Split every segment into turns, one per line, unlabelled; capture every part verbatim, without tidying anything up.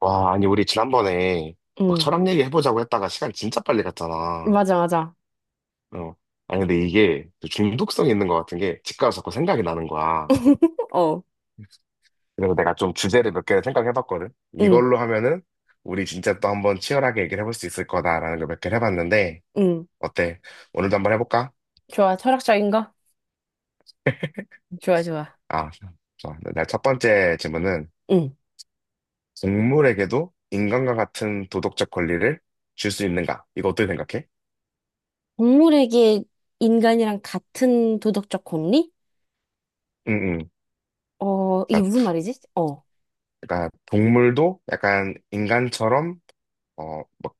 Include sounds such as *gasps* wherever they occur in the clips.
와, 아니, 우리 지난번에 막
응,
철학 얘기 해보자고 했다가 시간 진짜 빨리 갔잖아.
맞아, 맞아.
어. 아니, 근데 이게 또 중독성이 있는 것 같은 게 집 가서 자꾸 생각이 나는 거야.
*laughs* 어,
그래서 내가 좀 주제를 몇 개를 생각해봤거든.
응,
이걸로 하면은 우리 진짜 또 한번 치열하게 얘기를 해볼 수 있을 거다라는 걸 몇 개를 해봤는데,
응.
어때? 오늘도 한번 해볼까?
좋아, 철학적인 거? 좋아, 좋아.
아, 좋아. 내첫 번째 질문은
응.
동물에게도 인간과 같은 도덕적 권리를 줄 수 있는가? 이거 어떻게 생각해?
동물에게 인간이랑 같은 도덕적 권리?
응,
어, 이게
응.
무슨 말이지? 어,
그러니까 동물도 약간 인간처럼 어 막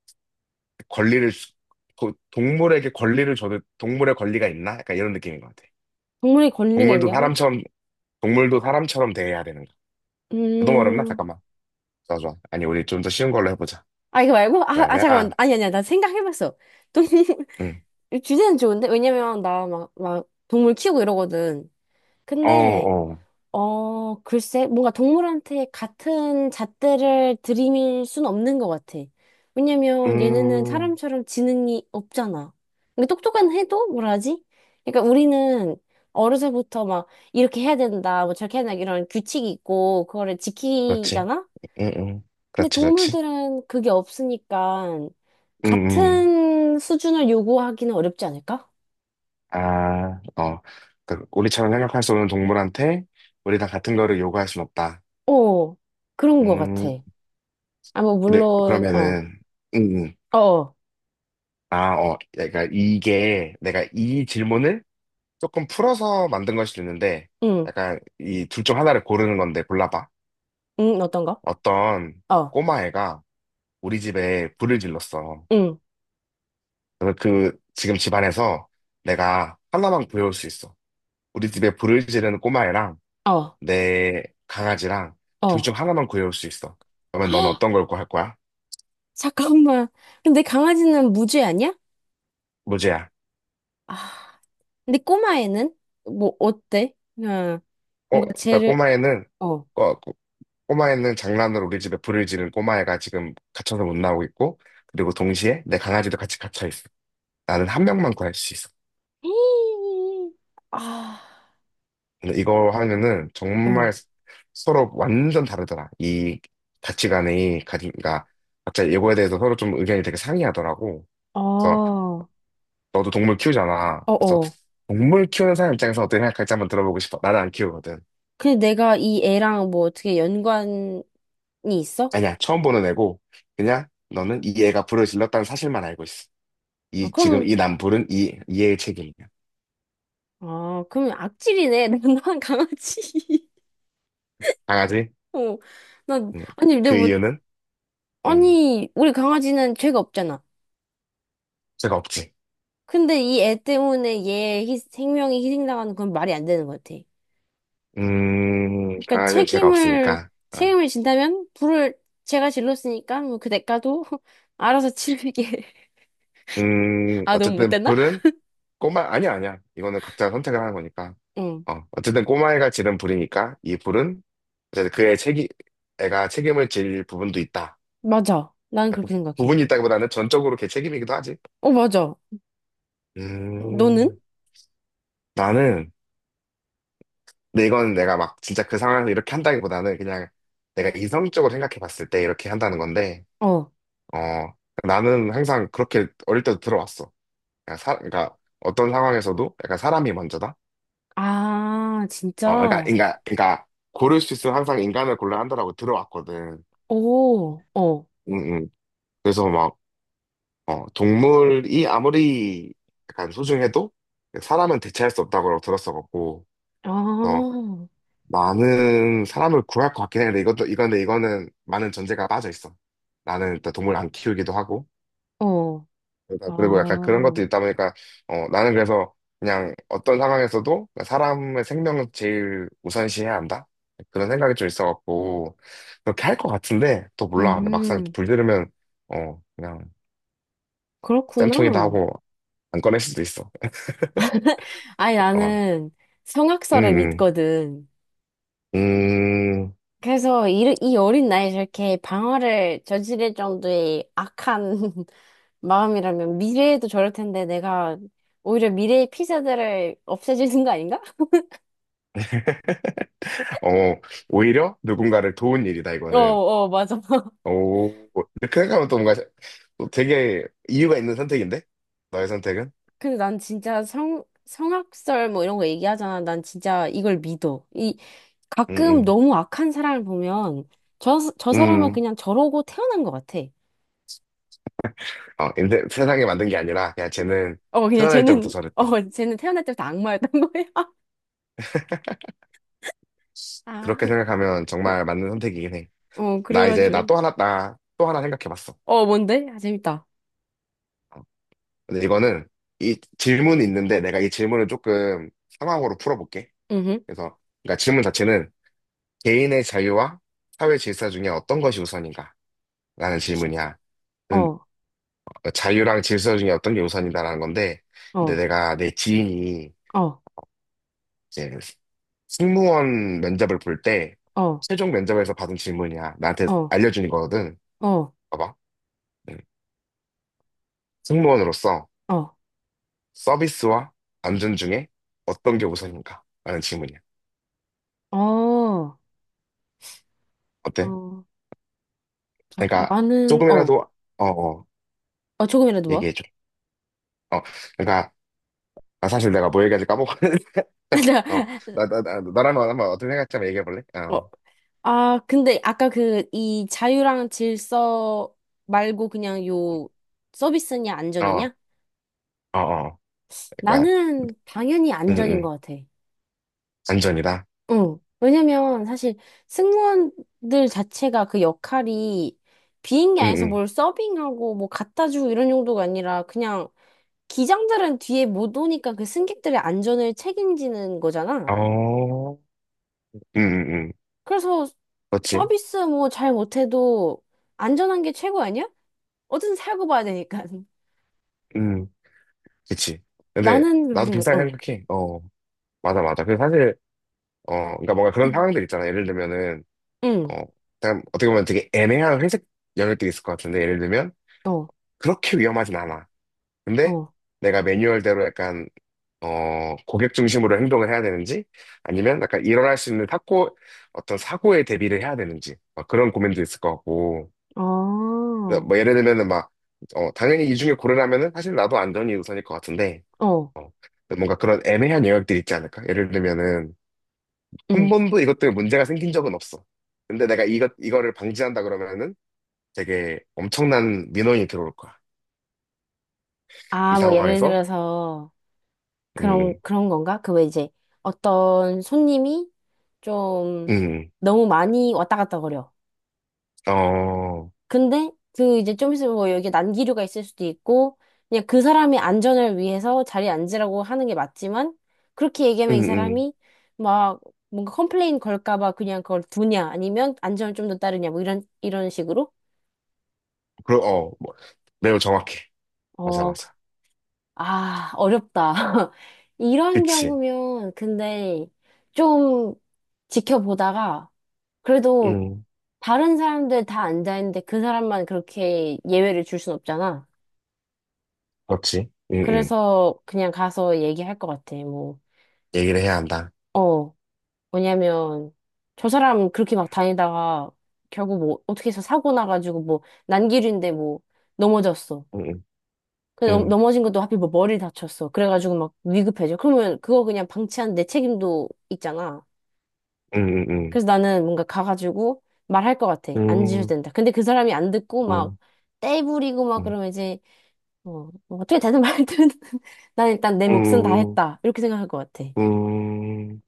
권리를 주- 도- 동물에게 권리를 줘도 동물의 권리가 있나? 약간 이런 느낌인 것 같아.
동물의 권리가
동물도
있냐고?
사람처럼 동물도 사람처럼 대해야 되는 거. 너무 어렵나?
음,
잠깐만. 좋아 좋아. 아니 우리 좀 더 쉬운 걸로 해보자.
아, 이거 말고? 아, 아,
그러면
잠깐만.
아,
아니, 아니야. 나 생각해봤어. 동물, *laughs*
응.
주제는 좋은데? 왜냐면 나 막, 막, 동물 키우고 이러거든.
어
근데,
어.
어, 글쎄, 뭔가 동물한테 같은 잣대를 들이밀 순 없는 것 같아. 왜냐면 얘네는
음.
사람처럼 지능이 없잖아. 근데 똑똑한 해도 뭐라 하지? 그러니까 우리는 어려서부터 막 이렇게 해야 된다, 뭐 저렇게 해야 된다, 이런 규칙이 있고, 그거를
그렇지.
지키잖아?
응 응.
근데
그렇지 그렇지.
동물들은 그게 없으니까
응 응.
같은 수준을 요구하기는 어렵지 않을까?
아 어. 그 우리처럼 생각할 수 없는 동물한테 우리 다 같은 거를 요구할 순 없다.
어, 그런 것 같아.
음.
아, 뭐,
그래,
물론, 어,
그러면은, 음, 음.
어, 어,
아, 어, 그러니까 이게 내가 이 질문을 조금 풀어서 만든 걸 수도 있는데,
응.
약간 이 둘 중 하나를 고르는 건데 골라봐.
응, 어떤 거?
어떤
어,
꼬마애가 우리 집에 불을 질렀어.
응,
그래서 그 지금 집안에서 내가 하나만 구해올 수 있어. 우리 집에 불을 지르는 꼬마애랑
어,
내 강아지랑 둘
어.
중 하나만 구해올 수 있어. 그러면 넌
*gasps*
어떤 걸 구할 거야?
잠깐만. 근데 강아지는 무죄 아니야?
무제야.
아, 근데 꼬마애는? 뭐, 어때? 응,
어,
뭔가
그러니까
쟤를,
꼬마애는
어.
꼬마애는 장난으로 우리 집에 불을 지른 꼬마애가 지금 갇혀서 못 나오고 있고, 그리고 동시에 내 강아지도 같이 갇혀 있어. 나는 한 명만 구할 수 있어.
*gasps* 아,
근데 이거 하면은 정말
어,
서로 완전 다르더라. 이 가치관이, 가- 그러니까 각자 이거에 대해서 서로 좀 의견이 되게 상이하더라고.
어,
그래서
어,
너도 동물 키우잖아. 그래서
어.
동물 키우는 사람 입장에서 어떻게 생각할지 한번 들어보고 싶어. 나는 안 키우거든.
근데 내가 이 애랑 뭐 어떻게 연관이 있어?
아니야, 처음 보는 애고, 그냥 너는 이 애가 불을 질렀다는 사실만 알고 있어.
아,
이 지금
그럼,
이 남불은 이 이의 책임이야.
아, 그럼 악질이네. *laughs* 난 난 강아지.
강아지?
*laughs* 어, 난,
음,
아니, 근데
그
뭐,
이유는 음,
아니, 우리 강아지는 죄가 없잖아.
죄가 없지.
근데 이 애 때문에 얘 희- 생명이 희생당하는 건 말이 안 되는 것 같아.
음,
그러니까
강아지는 죄가
책임을,
없으니까. 어.
책임을 진다면 불을 제가 질렀으니까 뭐 그 대가도 *laughs* 알아서 치르게. *laughs*
음,
아, 너무
어쨌든
못됐나?
불은 꼬마 아니야 아니야. 이거는 각자 선택을 하는 거니까.
응.
어, 어쨌든 꼬마애가 지른 불이니까 이 불은 어쨌든 그의 책임 애가 책임을 질 부분도 있다.
맞아. 나는
아, 부,
그렇게
부분이
생각해.
있다기보다는 전적으로 걔 책임이기도 하지.
어, 맞아. 너는?
음, 나는 근데 이건 내가 막 진짜 그 상황에서 이렇게 한다기보다는 그냥 내가 이성적으로 생각해 봤을 때 이렇게 한다는 건데,
어.
어, 나는 항상 그렇게 어릴 때도 들어왔어. 그러니까, 사, 그러니까 어떤 상황에서도 약간 사람이 먼저다?
아,
어, 그러니까,
진짜?
그러니까, 그러니까 고를 수 있으면 항상 인간을 골라 한다라고 들어왔거든.
오, 어.
응, 응. 그래서 막, 어, 동물이 아무리 약간 소중해도 사람은 대체할 수 없다고 들었어갖고,
아,
많은 사람을 구할 것 같긴 해. 근데 이것도, 이건데 이거는 많은 전제가 빠져 있어. 나는 일단 동물 안 키우기도 하고.
어.
그러다- 그리고 약간 그런
아,
것도 있다 보니까, 어, 나는 그래서 그냥 어떤 상황에서도 사람의 생명을 제일 우선시해야 한다? 그런 생각이 좀 있어갖고, 그렇게 할 것 같은데, 또 몰라. 근데 막상
음,
불 들으면, 어, 그냥
그렇구나.
쌤통이다 하고 안 꺼낼 수도 있어.
*laughs* 아니,
어.
나는 성악설을
음.
믿거든.
음. 음.
그래서 이, 이 어린 나이에 저렇게 방화를 저지를 정도의 악한 *laughs* 마음이라면 미래에도 저럴 텐데 내가 오히려 미래의 피자들을 없애주는 거 아닌가? *laughs*
*laughs* 어, 오히려 누군가를 도운 일이다,
어,
이거는.
어, 맞아. *laughs*
오, 근데 그 생각하면 또 뭔가 또 되게 이유가 있는 선택인데? 너의 선택은?
근데 난 진짜 성, 성악설 뭐 이런 거 얘기하잖아. 난 진짜 이걸 믿어. 이, 가끔
음,
너무 악한 사람을 보면 저, 저
음.
사람은
음.
그냥 저러고 태어난 것 같아.
어, 인데, 세상에 만든 게 아니라, 야, 쟤는
어, 그냥
태어날 때부터
쟤는, *laughs*
저랬다.
어, 쟤는 태어날 때부터 악마였던 거야. *laughs* 아,
그렇게 생각하면 정말 맞는 선택이긴 해.
어,
나 이제, 나
그래가지고.
또 하나, 나 또 하나 생각해봤어.
어, 뭔데? 아, 재밌다.
어. 근데 이거는, 이 질문이 있는데, 내가 이 질문을 조금 상황으로 풀어볼게.
음.
그래서, 그러니까 질문 자체는, 개인의 자유와 사회 질서 중에 어떤 것이 우선인가? 라는
키,
질문이야.
어,
그러니까 자유랑 질서 중에 어떤 게 우선이다라는 건데, 근데
어,
내가 내 지인이
어,
이제 승무원 면접을 볼 때,
어,
최종 면접에서 받은 질문이야. 나한테
어,
알려주는 거거든.
어,
봐봐. 음. 승무원으로서
어,
서비스와 안전 중에 어떤 게 우선인가? 라는 질문이야.
어,
어때?
어,
그러니까
나는, 어,
조금이라도, 어, 어,
어, 조금이라도 뭐?
얘기해줘. 어, 그러니까, 아, 사실 내가 뭐 얘기하지 까먹었는데, *laughs* 어,
*laughs*
나, 나, 나, 너라면 한번 어떻게 생각할지 한번 얘기해볼래?
어,
어,
아, 근데 아까 그, 이 자유랑 질서 말고 그냥 요 서비스냐,
어,
안전이냐?
어, 어. 그러니까,
나는 당연히
응,
안전인 것
응.
같아.
안전이다.
응. 왜냐면 사실 승무원들 자체가 그 역할이 비행기 안에서
응,
뭘 서빙하고 뭐 갖다 주고 이런 용도가 아니라 그냥 기장들은 뒤에 못 오니까 그 승객들의 안전을 책임지는
응.
거잖아.
어, 응, 응, 응.
그래서
그렇지.
서비스 뭐 잘 못해도 안전한 게 최고 아니야? 어쨌든 살고 봐야 되니까. *laughs*
응, 그치. 근데
나는 그렇게
나도
생각,
비슷하게
어,
생각해. 어, 맞아, 맞아. 그 사실, 어, 그러니까 뭔가 그런 상황들 있잖아. 예를 들면은,
응,
어, 그냥 어떻게 보면 되게 애매한 회색 연료등이 있을 것 같은데, 예를 들면,
어,
그렇게 위험하진 않아. 근데
어,
내가 매뉴얼대로 약간, 어, 고객 중심으로 행동을 해야 되는지, 아니면 약간 일어날 수 있는 사고, 어떤 사고에 대비를 해야 되는지, 막 그런 고민도 있을 것 같고, 그래서
어,
뭐 예를 들면은 막, 어, 당연히 이 중에 고르라면은 사실 나도 안전이 우선일 것 같은데,
어,
어, 뭔가 그런 애매한 영역들이 있지 않을까? 예를 들면은 한
응.
번도 이것 때문에 문제가 생긴 적은 없어. 근데 내가 이것, 이거를 방지한다 그러면은 되게 엄청난 민원이 들어올 거야. 이
아, 뭐 예를
상황에서,
들어서
음,
그런, 그런 건가? 그 왜 이제 어떤 손님이 좀
음.
너무 많이 왔다 갔다 거려.
어,
근데 그 이제 좀 있으면 뭐 여기 난기류가 있을 수도 있고 그냥 그 사람의 안전을 위해서 자리에 앉으라고 하는 게 맞지만 그렇게
음,
얘기하면 이
음,
사람이 막 뭔가 컴플레인 걸까 봐 그냥 그걸 두냐 아니면 안전을 좀 더 따르냐 뭐 이런 이런 식으로
그러, 어, 뭐, 매우 정확해. 맞아,
어, 그-
맞아.
아, 어렵다. *laughs* 이런
그치.
경우면 근데 좀 지켜보다가 그래도
음,
다른 사람들 다 앉아 있는데 그 사람만 그렇게 예외를 줄 순 없잖아.
그렇지. 음, 음.
그래서 그냥 가서 얘기할 것 같아. 뭐,
얘기를 해야 한다.
어, 왜냐면 저 사람 그렇게 막 다니다가 결국 뭐 어떻게 해서 사고 나가지고 뭐 난길인데 뭐 넘어졌어.
음,
그 넘-
음,
넘어진 것도 하필 뭐 머리 다쳤어. 그래가지고 막 위급해져. 그러면 그거 그냥 방치한 내 책임도 있잖아.
음, 음,
그래서 나는 뭔가 가가지고 말할 것 같아. 안
음,
지셔도
음,
된다. 근데 그 사람이 안 듣고 막
음,
떼부리고 막
음.
그러면 이제 어, 뭐 어떻게 되든 말든 *laughs* 난 일단 내 몫은 다
음,
했다. 이렇게 생각할 것 같아.
음,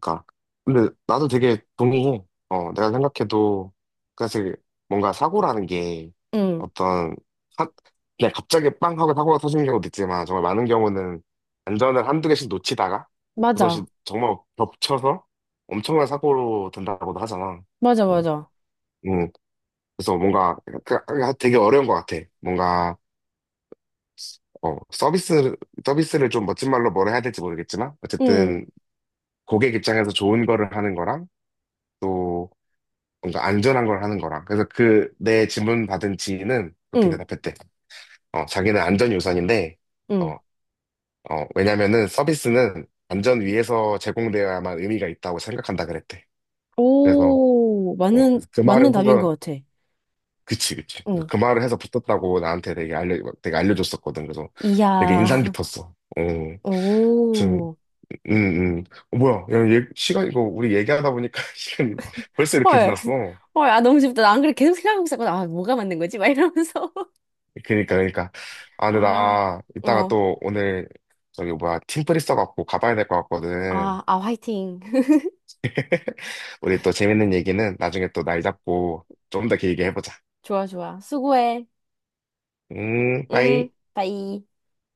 그니까. 근데 나도 되게 동의해. 어, 내가 생각해도, 그러니까 사실 뭔가 사고라는 게
응.
어떤, 한, 그냥 갑자기 빵 하고 사고가 터지는 경우도 있지만, 정말 많은 경우는 안전을 한두 개씩 놓치다가, 그것이
맞아.
정말 겹쳐서 엄청난 사고로 된다고도 하잖아.
맞아,
음,
맞아.
음. 그래서 뭔가 그- 그- 그 되게 어려운 것 같아. 뭔가, 어, 서비스, 서비스를 좀 멋진 말로 뭐라 해야 될지 모르겠지만,
응,
어쨌든 고객 입장에서 좋은 거를 하는 거랑 또 뭔가 안전한 걸 하는 거랑 그래서 그 내 질문 받은 지인은 그렇게
응,
대답했대. 어, 자기는 안전이 우선인데
응.
어, 어, 왜냐면은 서비스는 안전 위에서 제공되어야만 의미가 있다고 생각한다 그랬대. 그래서
오,
어,
맞는,
그래서 그
맞는
말을
답인 것
해서
같아.
그치 그치 그래서
응.
그 말을 해서 붙었다고 나한테 되게 알려 되게 알려줬었거든. 그래서 되게 인상
이야, *laughs*
깊었어. 어, 좀,
오,
음, 음. 어, 뭐야, 야, 얘, 시간, 이거, 우리 얘기하다 보니까 *laughs* 시간이 벌써 이렇게
헐,
지났어.
헐, 아, 너무 쉽다. 나 안 그래. 계속 생각하고 있었거든. 아, 뭐가 맞는 거지? 막 이러면서. *laughs*
그니까, 그니까. 아, 근데
아,
나 이따가
어,
또 오늘 저기 뭐야, 팀플 있어갖고 가봐야 될 것 같거든.
아, 아, 화이팅. *laughs*
*laughs* 우리 또 재밌는 얘기는 나중에 또 날 잡고 좀 더 길게 해보자.
좋아, 좋아. 수고해.
음,
응,
빠이.
바이.